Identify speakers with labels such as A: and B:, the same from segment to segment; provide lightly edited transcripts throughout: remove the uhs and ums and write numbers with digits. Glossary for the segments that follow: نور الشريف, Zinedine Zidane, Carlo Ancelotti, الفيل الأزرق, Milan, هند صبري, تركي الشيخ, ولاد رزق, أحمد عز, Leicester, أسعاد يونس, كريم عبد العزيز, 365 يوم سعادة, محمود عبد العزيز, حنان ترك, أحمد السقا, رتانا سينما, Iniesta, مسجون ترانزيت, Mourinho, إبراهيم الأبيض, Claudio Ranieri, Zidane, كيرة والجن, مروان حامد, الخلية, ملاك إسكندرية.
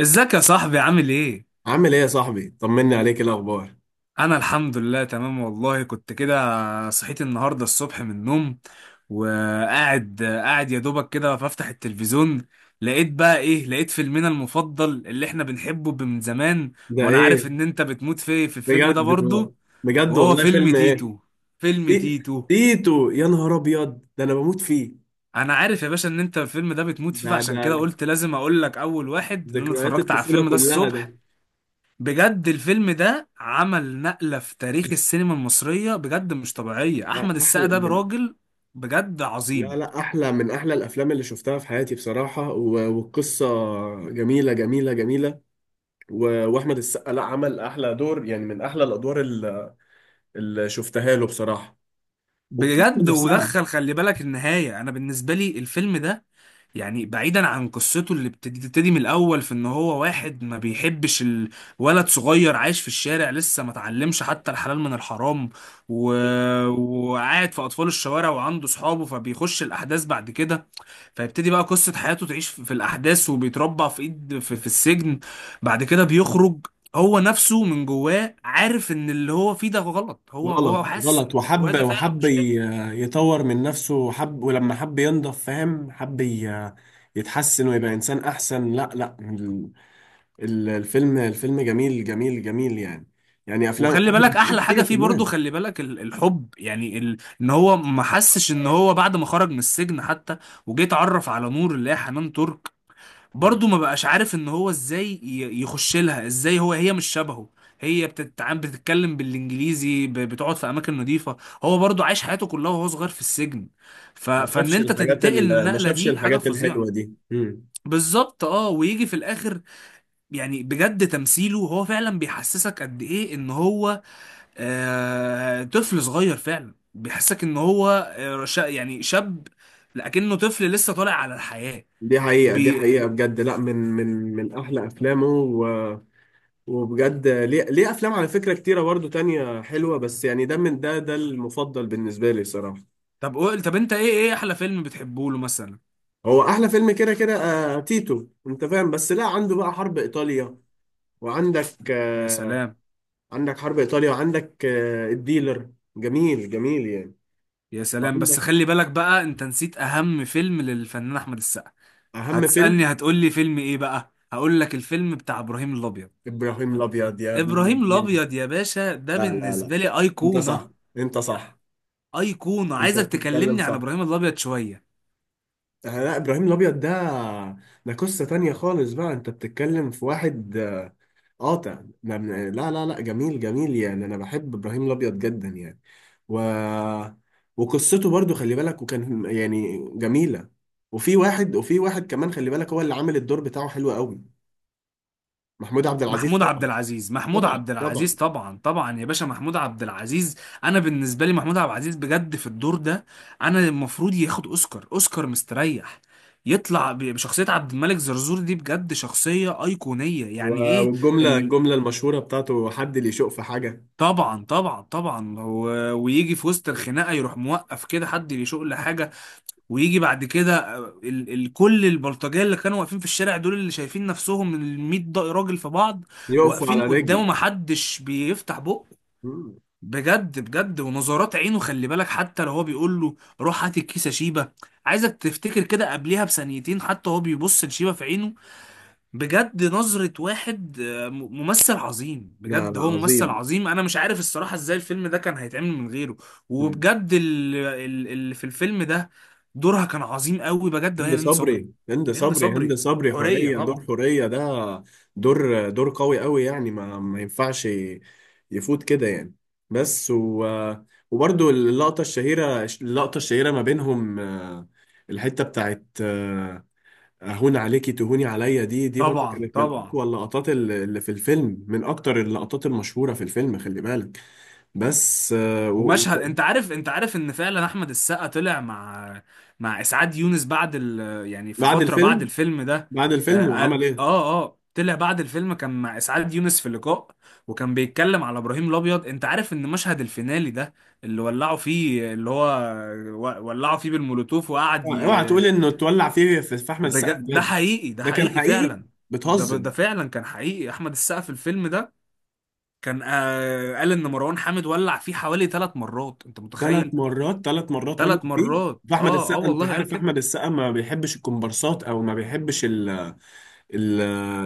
A: ازيك يا صاحبي؟ عامل ايه؟
B: عامل ايه يا صاحبي، طمني عليك، إيه الاخبار؟
A: انا الحمد لله تمام والله. كنت كده صحيت النهارده الصبح من النوم، وقاعد يا دوبك كده بفتح التلفزيون، لقيت بقى ايه؟ لقيت فيلمنا المفضل اللي احنا بنحبه من زمان.
B: ده
A: وانا عارف
B: ايه؟
A: ان انت بتموت في الفيلم
B: بجد؟
A: ده برضو.
B: بجد
A: وهو
B: والله،
A: فيلم
B: فيلم ايه؟
A: تيتو. فيلم
B: تي-
A: تيتو
B: تيتو، يا نهار ابيض، ده انا بموت فيه.
A: انا عارف يا باشا ان انت الفيلم ده بتموت فيه،
B: ده
A: فعشان
B: ده
A: كده قلت لازم اقول لك اول واحد ان انا
B: ذكريات
A: اتفرجت على
B: الطفوله
A: الفيلم ده
B: كلها ده.
A: الصبح. بجد الفيلم ده عمل نقلة في تاريخ السينما المصرية، بجد مش طبيعية.
B: لا،
A: أحمد السقا
B: احلى
A: ده
B: من...
A: راجل بجد
B: لا
A: عظيم.
B: لا، احلى من احلى الافلام اللي شفتها في حياتي بصراحه، و- والقصه جميله جميله جميله. و- واحمد السقا، لا عمل احلى دور، يعني من احلى الادوار اللي شفتها له بصراحه. والقصه
A: بجد
B: نفسها
A: ودخل خلي بالك النهاية. أنا بالنسبة لي الفيلم ده يعني بعيدا عن قصته اللي بتبتدي من الأول، في إن هو واحد ما بيحبش، الولد صغير عايش في الشارع، لسه ما اتعلمش حتى الحلال من الحرام. و... وقاعد في أطفال الشوارع وعنده صحابه، فبيخش الأحداث بعد كده. فيبتدي بقى قصة حياته تعيش في الأحداث، وبيتربى في إيد في السجن. بعد كده بيخرج. هو نفسه من جواه عارف إن اللي هو فيه ده غلط، هو
B: غلط
A: حاسس إن
B: غلط،
A: اللي جواه
B: وحب
A: ده فعلا
B: وحب
A: مش حلو.
B: يطور من نفسه، وحب، ولما حب ينضف فاهم، حب يتحسن ويبقى إنسان أحسن. لا لا، الفيلم جميل جميل جميل يعني. يعني أفلام
A: وخلي
B: أحمد
A: بالك أحلى
B: السقا
A: حاجة
B: كتير
A: فيه برضه،
B: كمان.
A: خلي بالك الحب، يعني إن هو ما حسش. إن هو بعد ما خرج من السجن حتى وجيت اتعرف على نور اللي هي حنان ترك، برضه ما بقاش عارف ان هو ازاي يخش لها ازاي. هو هي مش شبهه، هي بتتعامل بتتكلم بالانجليزي، بتقعد في اماكن نظيفه. هو برضه عايش حياته كلها وهو صغير في السجن. فان انت تنتقل
B: ما
A: للنقله
B: شافش
A: دي حاجه
B: الحاجات الحلوة
A: فظيعه.
B: دي. مم.
A: بالظبط اه. ويجي في الاخر، يعني بجد تمثيله هو فعلا بيحسسك قد ايه ان هو طفل صغير. فعلا بيحسسك ان هو، يعني شاب، لكنه طفل لسه طالع على الحياه.
B: دي حقيقة، دي حقيقة بجد، لا، من أحلى أفلامه. و... وبجد ليه أفلام على فكرة كتيرة برضو تانية حلوة، بس يعني، ده من ده المفضل بالنسبة لي صراحة.
A: طب قول، طب انت ايه، احلى فيلم بتحبه له مثلا؟
B: هو احلى فيلم كده كده، تيتو، انت فاهم، بس لا، عنده بقى حرب ايطاليا، وعندك
A: يا سلام
B: عندك حرب ايطاليا، وعندك الديلر، جميل جميل يعني.
A: يا سلام. بس
B: وعندك
A: خلي بالك بقى، انت نسيت اهم فيلم للفنان احمد السقا.
B: اهم فيلم،
A: هتسألني هتقول لي فيلم ايه بقى؟ هقول لك الفيلم بتاع ابراهيم الابيض.
B: ابراهيم الابيض يا ابن
A: ابراهيم
B: الذين.
A: الابيض يا باشا ده
B: لا لا لا،
A: بالنسبة لي
B: انت صح،
A: ايقونة.
B: انت صح.
A: ايقونة.
B: انت
A: عايزك
B: بتتكلم
A: تكلمني عن
B: صح.
A: ابراهيم الابيض شوية.
B: لا، ابراهيم الابيض ده، ده قصة تانية خالص. بقى انت بتتكلم في واحد قاطع، لا لا لا لا، جميل جميل يعني. انا بحب ابراهيم الابيض جدا يعني. و... وقصته برضو خلي بالك، وكان يعني جميله. وفي واحد كمان، خلي بالك، هو اللي عامل الدور بتاعه حلو قوي، محمود عبد العزيز
A: محمود عبد
B: طبعا.
A: العزيز،
B: طبعا طبعا،
A: طبعا طبعا يا باشا محمود عبد العزيز. انا بالنسبه لي محمود عبد العزيز بجد في الدور ده انا المفروض ياخد اوسكار، اوسكار مستريح. يطلع بشخصيه عبد الملك زرزور دي، بجد شخصيه ايقونيه.
B: و-
A: يعني ايه
B: والجمله،
A: ال...
B: الجمله المشهوره بتاعته، حد اللي يشق في حاجه
A: طبعا طبعا طبعا. ويجي في وسط الخناقه يروح موقف كده، حد يشق لحاجه؟ ويجي بعد كده آه، ال ال كل البلطجيه اللي كانوا واقفين في الشارع دول اللي شايفين نفسهم ال 100 راجل في بعض،
B: يقف على
A: واقفين قدامه
B: رجلي.
A: محدش بيفتح بقه.
B: مم.
A: بجد بجد، ونظرات عينه خلي بالك، حتى لو هو بيقول له روح هات الكيسه شيبه، عايزك تفتكر كده قبليها بثانيتين، حتى هو بيبص لشيبه في عينه، بجد نظرة واحد ممثل عظيم.
B: لا
A: بجد
B: لا،
A: هو ممثل
B: عظيم.
A: عظيم، انا مش عارف الصراحة ازاي الفيلم ده كان هيتعمل من غيره. وبجد اللي في الفيلم ده دورها كان عظيم قوي بجد هي
B: هند
A: هند صبري.
B: صبري، هند
A: هند
B: صبري، هند
A: صبري
B: صبري
A: حورية،
B: حورية، دور
A: طبعا
B: حورية ده، دور دور قوي قوي يعني، ما ينفعش يفوت كده يعني. بس و... وبرده اللقطة الشهيرة، اللقطة الشهيرة ما بينهم، الحتة بتاعت أهون عليكي تهوني عليا، دي برضو
A: طبعا
B: كانت من
A: طبعا.
B: أقوى اللقطات، اللي في الفيلم من أكتر اللقطات المشهورة في الفيلم، خلي بالك. بس
A: ومشهد، انت عارف، انت عارف ان فعلا احمد السقا طلع مع، مع اسعاد يونس بعد يعني في
B: بعد
A: فتره بعد
B: الفيلم،
A: الفيلم ده.
B: بعد
A: آه
B: الفيلم
A: قال
B: وعمل إيه؟
A: اه اه، طلع بعد الفيلم كان مع اسعاد يونس في لقاء، وكان بيتكلم على ابراهيم الابيض. انت عارف ان مشهد الفينالي ده اللي ولعوا فيه اللي هو ولعوا فيه بالمولوتوف وقعد
B: اوعى اوعى تقول إنه اتولع فيه في أحمد السقا
A: ده
B: بجد.
A: حقيقي، ده
B: ده كان
A: حقيقي
B: حقيقي؟
A: فعلا.
B: بتهزر.
A: ده فعلا كان حقيقي. احمد السقا في الفيلم ده كان آه قال ان مروان حامد ولع فيه حوالي ثلاث مرات، انت
B: ثلاث
A: متخيل؟
B: مرات، ثلاث مرات ولع
A: ثلاث
B: فيه؟
A: مرات
B: فاحمد
A: اه اه
B: السقا، انت
A: والله قال
B: عارف
A: كده.
B: احمد السقا ما بيحبش الكومبارسات، او ما بيحبش ال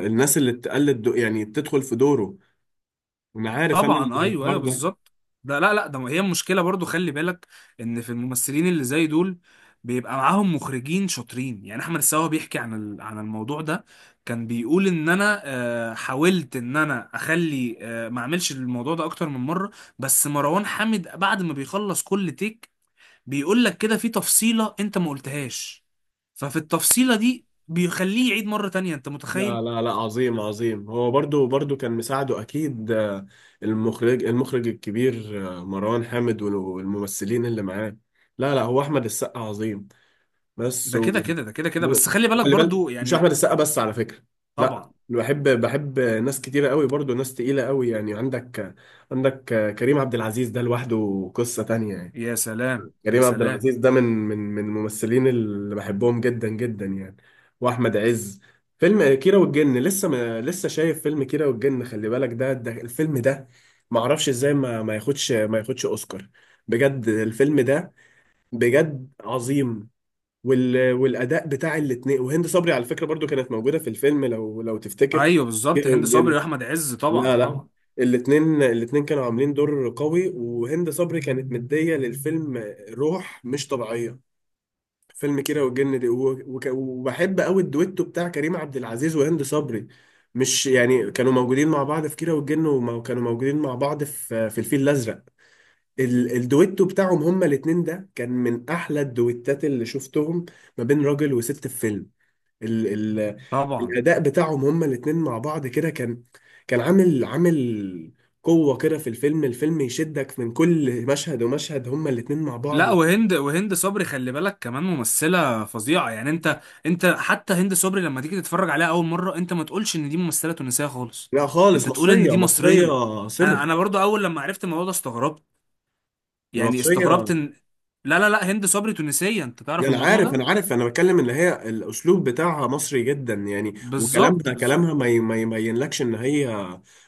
B: الناس اللي تقلد يعني تدخل في دوره. انا عارف، انا
A: طبعا ايوه
B: الحوار
A: ايوه
B: ده.
A: بالظبط. ده لا لا، ده هي المشكله برضو خلي بالك، ان في الممثلين اللي زي دول بيبقى معاهم مخرجين شاطرين. يعني احمد السقا بيحكي عن عن الموضوع ده، كان بيقول ان انا حاولت ان انا اخلي ما اعملش الموضوع ده اكتر من مره، بس مروان حامد بعد ما بيخلص كل تيك بيقول لك كده في تفصيله انت ما قلتهاش، ففي التفصيله دي بيخليه يعيد مره تانية، انت
B: لا
A: متخيل؟
B: لا لا، عظيم عظيم، هو برضو كان مساعده اكيد المخرج الكبير مروان حامد والممثلين اللي معاه. لا لا، هو احمد السقا عظيم، بس
A: ده كده
B: و...
A: كده، بس خلي بالك
B: وخلي بالك،
A: برضو
B: مش احمد
A: يعني.
B: السقا بس على فكره. لا،
A: طبعا.
B: بحب ناس كتيره قوي، برضو ناس تقيله قوي يعني. عندك كريم عبد العزيز ده، لوحده قصه تانية يعني.
A: يا سلام يا
B: كريم عبد
A: سلام.
B: العزيز ده من من الممثلين اللي بحبهم جدا جدا يعني. واحمد عز، فيلم كيرة والجن، لسه ما لسه شايف فيلم كيرة والجن؟ خلي بالك ده، الفيلم ده ما اعرفش ازاي ما ياخدش، ما ياخدش اوسكار. بجد الفيلم ده، بجد عظيم. والاداء بتاع الاثنين، وهند صبري على فكره برضو كانت موجوده في الفيلم، لو تفتكر.
A: ايوه بالظبط،
B: جه
A: هند صبري
B: وجل.
A: واحمد عز، طبعا
B: لا لا،
A: طبعا
B: الاثنين كانوا عاملين دور قوي، وهند صبري كانت مديه للفيلم روح مش طبيعيه. فيلم كيرة والجن دي، و... وك... وبحب قوي الدويتو بتاع كريم عبد العزيز وهند صبري. مش يعني كانوا موجودين مع بعض في كيرة والجن، وكانوا موجودين مع بعض في الفيل الازرق. الدويتو بتاعهم هما الاتنين، ده كان من احلى الدويتات اللي شفتهم ما بين راجل وست في فيلم. ال ال
A: طبعا.
B: الاداء بتاعهم هما الاتنين مع بعض كده، كان كان عامل قوة كده في الفيلم يشدك من كل مشهد ومشهد، هما الاتنين مع بعض.
A: لا، وهند صبري خلي بالك كمان ممثلة فظيعة. يعني انت، انت حتى هند صبري لما تيجي تتفرج عليها اول مرة انت ما تقولش ان دي ممثلة تونسية خالص،
B: لا خالص،
A: انت تقول ان
B: مصرية
A: دي
B: مصرية
A: مصرية.
B: صرف.
A: انا برضو اول لما عرفت الموضوع ده استغربت، يعني استغربت
B: مصرية.
A: ان، لا لا لا، هند صبري تونسية، انت تعرف
B: انا
A: الموضوع
B: عارف
A: ده؟
B: انا عارف، انا بتكلم ان هي الاسلوب بتاعها مصري جدا يعني،
A: بالظبط
B: وكلامها
A: بالظبط.
B: كلامها ما يبينلكش ان هي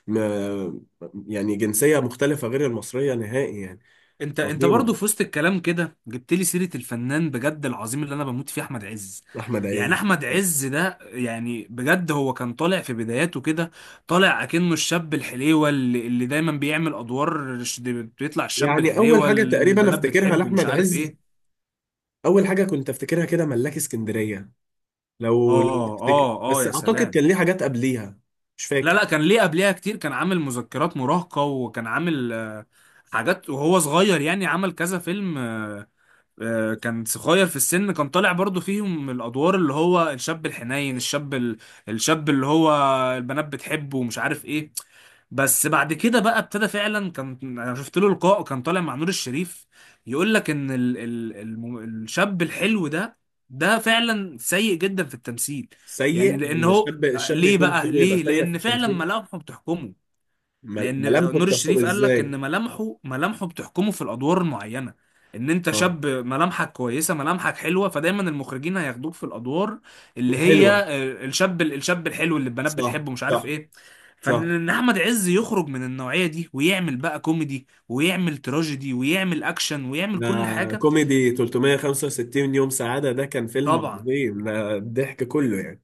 B: م- يعني جنسيه مختلفه غير المصريه نهائي يعني.
A: انت انت
B: عظيمه،
A: برضه في وسط الكلام كده جبت لي سيره الفنان بجد العظيم اللي انا بموت فيه، احمد عز.
B: احمد
A: يعني
B: عز.
A: احمد عز ده يعني بجد هو كان طالع في بداياته كده، طالع اكنه الشاب الحليوه اللي دايما بيعمل ادوار بيطلع الشاب
B: يعني اول
A: الحليوه
B: حاجه
A: اللي
B: تقريبا
A: البنات
B: افتكرها
A: بتحبه ومش
B: لاحمد
A: عارف
B: عز،
A: ايه.
B: اول حاجه كنت افتكرها كده، ملاك اسكندريه، لو
A: اه
B: تفتكر،
A: اه اه
B: بس
A: يا
B: اعتقد
A: سلام.
B: كان ليه حاجات قبليها. مش
A: لا
B: فاكر.
A: لا، كان ليه قبلها كتير، كان عامل مذكرات مراهقه وكان عامل حاجات وهو صغير، يعني عمل كذا فيلم كان صغير في السن، كان طالع برضو فيهم الادوار اللي هو الشاب الحنين، الشاب الشاب اللي هو البنات بتحبه ومش عارف ايه. بس بعد كده بقى ابتدى فعلا، كان انا شفت له لقاء كان طالع مع نور الشريف، يقول لك ان الشاب الحلو ده ده فعلا سيء جدا في التمثيل. يعني
B: سيء؟
A: لان هو،
B: الشاب
A: ليه
B: يكون
A: بقى؟
B: حلو يبقى
A: ليه؟
B: سيء في
A: لان فعلا
B: التمثيل؟
A: ملامحه بتحكمه. لان
B: ملامحه
A: نور
B: بتحكم
A: الشريف قال لك
B: ازاي؟
A: ان ملامحه، بتحكمه في الادوار المعينه، ان انت
B: اه.
A: شاب ملامحك كويسه، ملامحك حلوه، فدايما المخرجين هياخدوك في الادوار اللي هي
B: الحلوه.
A: الشاب، الحلو اللي البنات
B: صح
A: بتحبه مش عارف
B: صح
A: ايه. فان
B: صح.
A: إن احمد عز يخرج من النوعيه دي ويعمل بقى كوميدي ويعمل تراجيدي ويعمل اكشن ويعمل
B: ده
A: كل حاجه.
B: كوميدي، 365 يوم سعادة، ده كان فيلم
A: طبعا
B: عظيم، ده الضحك كله يعني.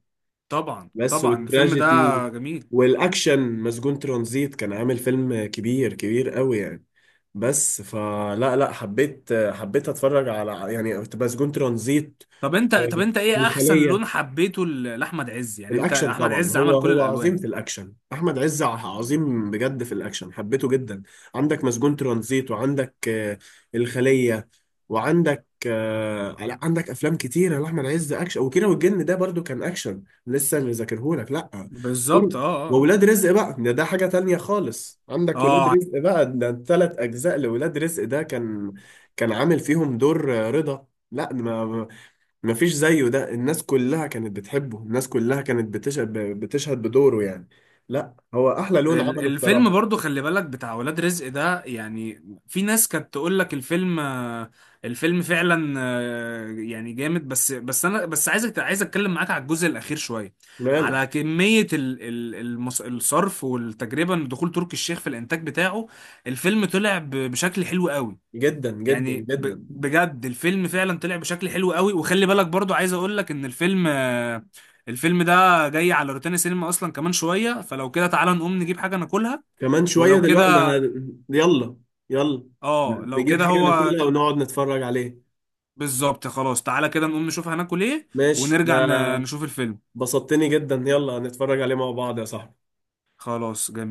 A: طبعا
B: بس
A: طبعا. الفيلم ده
B: والتراجيدي و...
A: جميل.
B: والأكشن، مسجون ترانزيت، كان عامل فيلم كبير كبير قوي يعني. بس فلا لا، حبيت أتفرج على يعني مسجون ترانزيت
A: طب انت، ايه احسن
B: والخلية.
A: لون حبيته لاحمد عز؟ يعني انت
B: الاكشن
A: احمد
B: طبعا،
A: عز
B: هو
A: عمل كل
B: هو عظيم
A: الالوان.
B: في الاكشن، احمد عز عظيم بجد في الاكشن، حبيته جدا. عندك مسجون ترانزيت، وعندك الخليه، وعندك لا عندك افلام كتيره لاحمد عز اكشن، وكيرة والجن ده برضو كان اكشن لسه، اللي ذاكرهولك، لا
A: بالظبط
B: دول.
A: اه اه
B: وولاد رزق بقى، ده حاجه تانية خالص. عندك ولاد
A: اه.
B: رزق بقى، ده ثلاث اجزاء لولاد رزق، ده كان، كان عامل فيهم دور، رضا، لا مفيش زيه. ده الناس كلها كانت بتحبه، الناس كلها كانت بتشهد بدوره يعني. لا، هو احلى لون عمله
A: الفيلم
B: بصراحة.
A: برضو خلي بالك بتاع ولاد رزق ده، يعني في ناس كانت تقول لك الفيلم الفيلم فعلا يعني جامد، بس انا بس عايزك، عايز اتكلم معاك على الجزء الاخير شويه،
B: ماله؟
A: على كميه ال ال الصرف والتجربه، ان دخول تركي الشيخ في الانتاج بتاعه الفيلم طلع بشكل حلو قوي.
B: جدا جدا
A: يعني
B: جدا.
A: بجد الفيلم فعلا طلع بشكل حلو قوي. وخلي بالك برضو عايز اقول لك ان الفيلم الفيلم ده جاي على روتانا سينما اصلا كمان شوية، فلو كده تعالى نقوم نجيب حاجة ناكلها.
B: كمان شوية
A: ولو
B: دلوقتي، ده
A: كده،
B: يلا، يلا
A: اه لو
B: نجيب
A: كده
B: حاجة
A: هو
B: ناكلها ونقعد نتفرج عليه.
A: بالظبط خلاص، تعالى كده نقوم نشوف هناكل ايه،
B: ماشي، ده
A: ونرجع نشوف الفيلم.
B: بسطتني جدا. يلا نتفرج عليه مع بعض يا صاحبي.
A: خلاص جميل.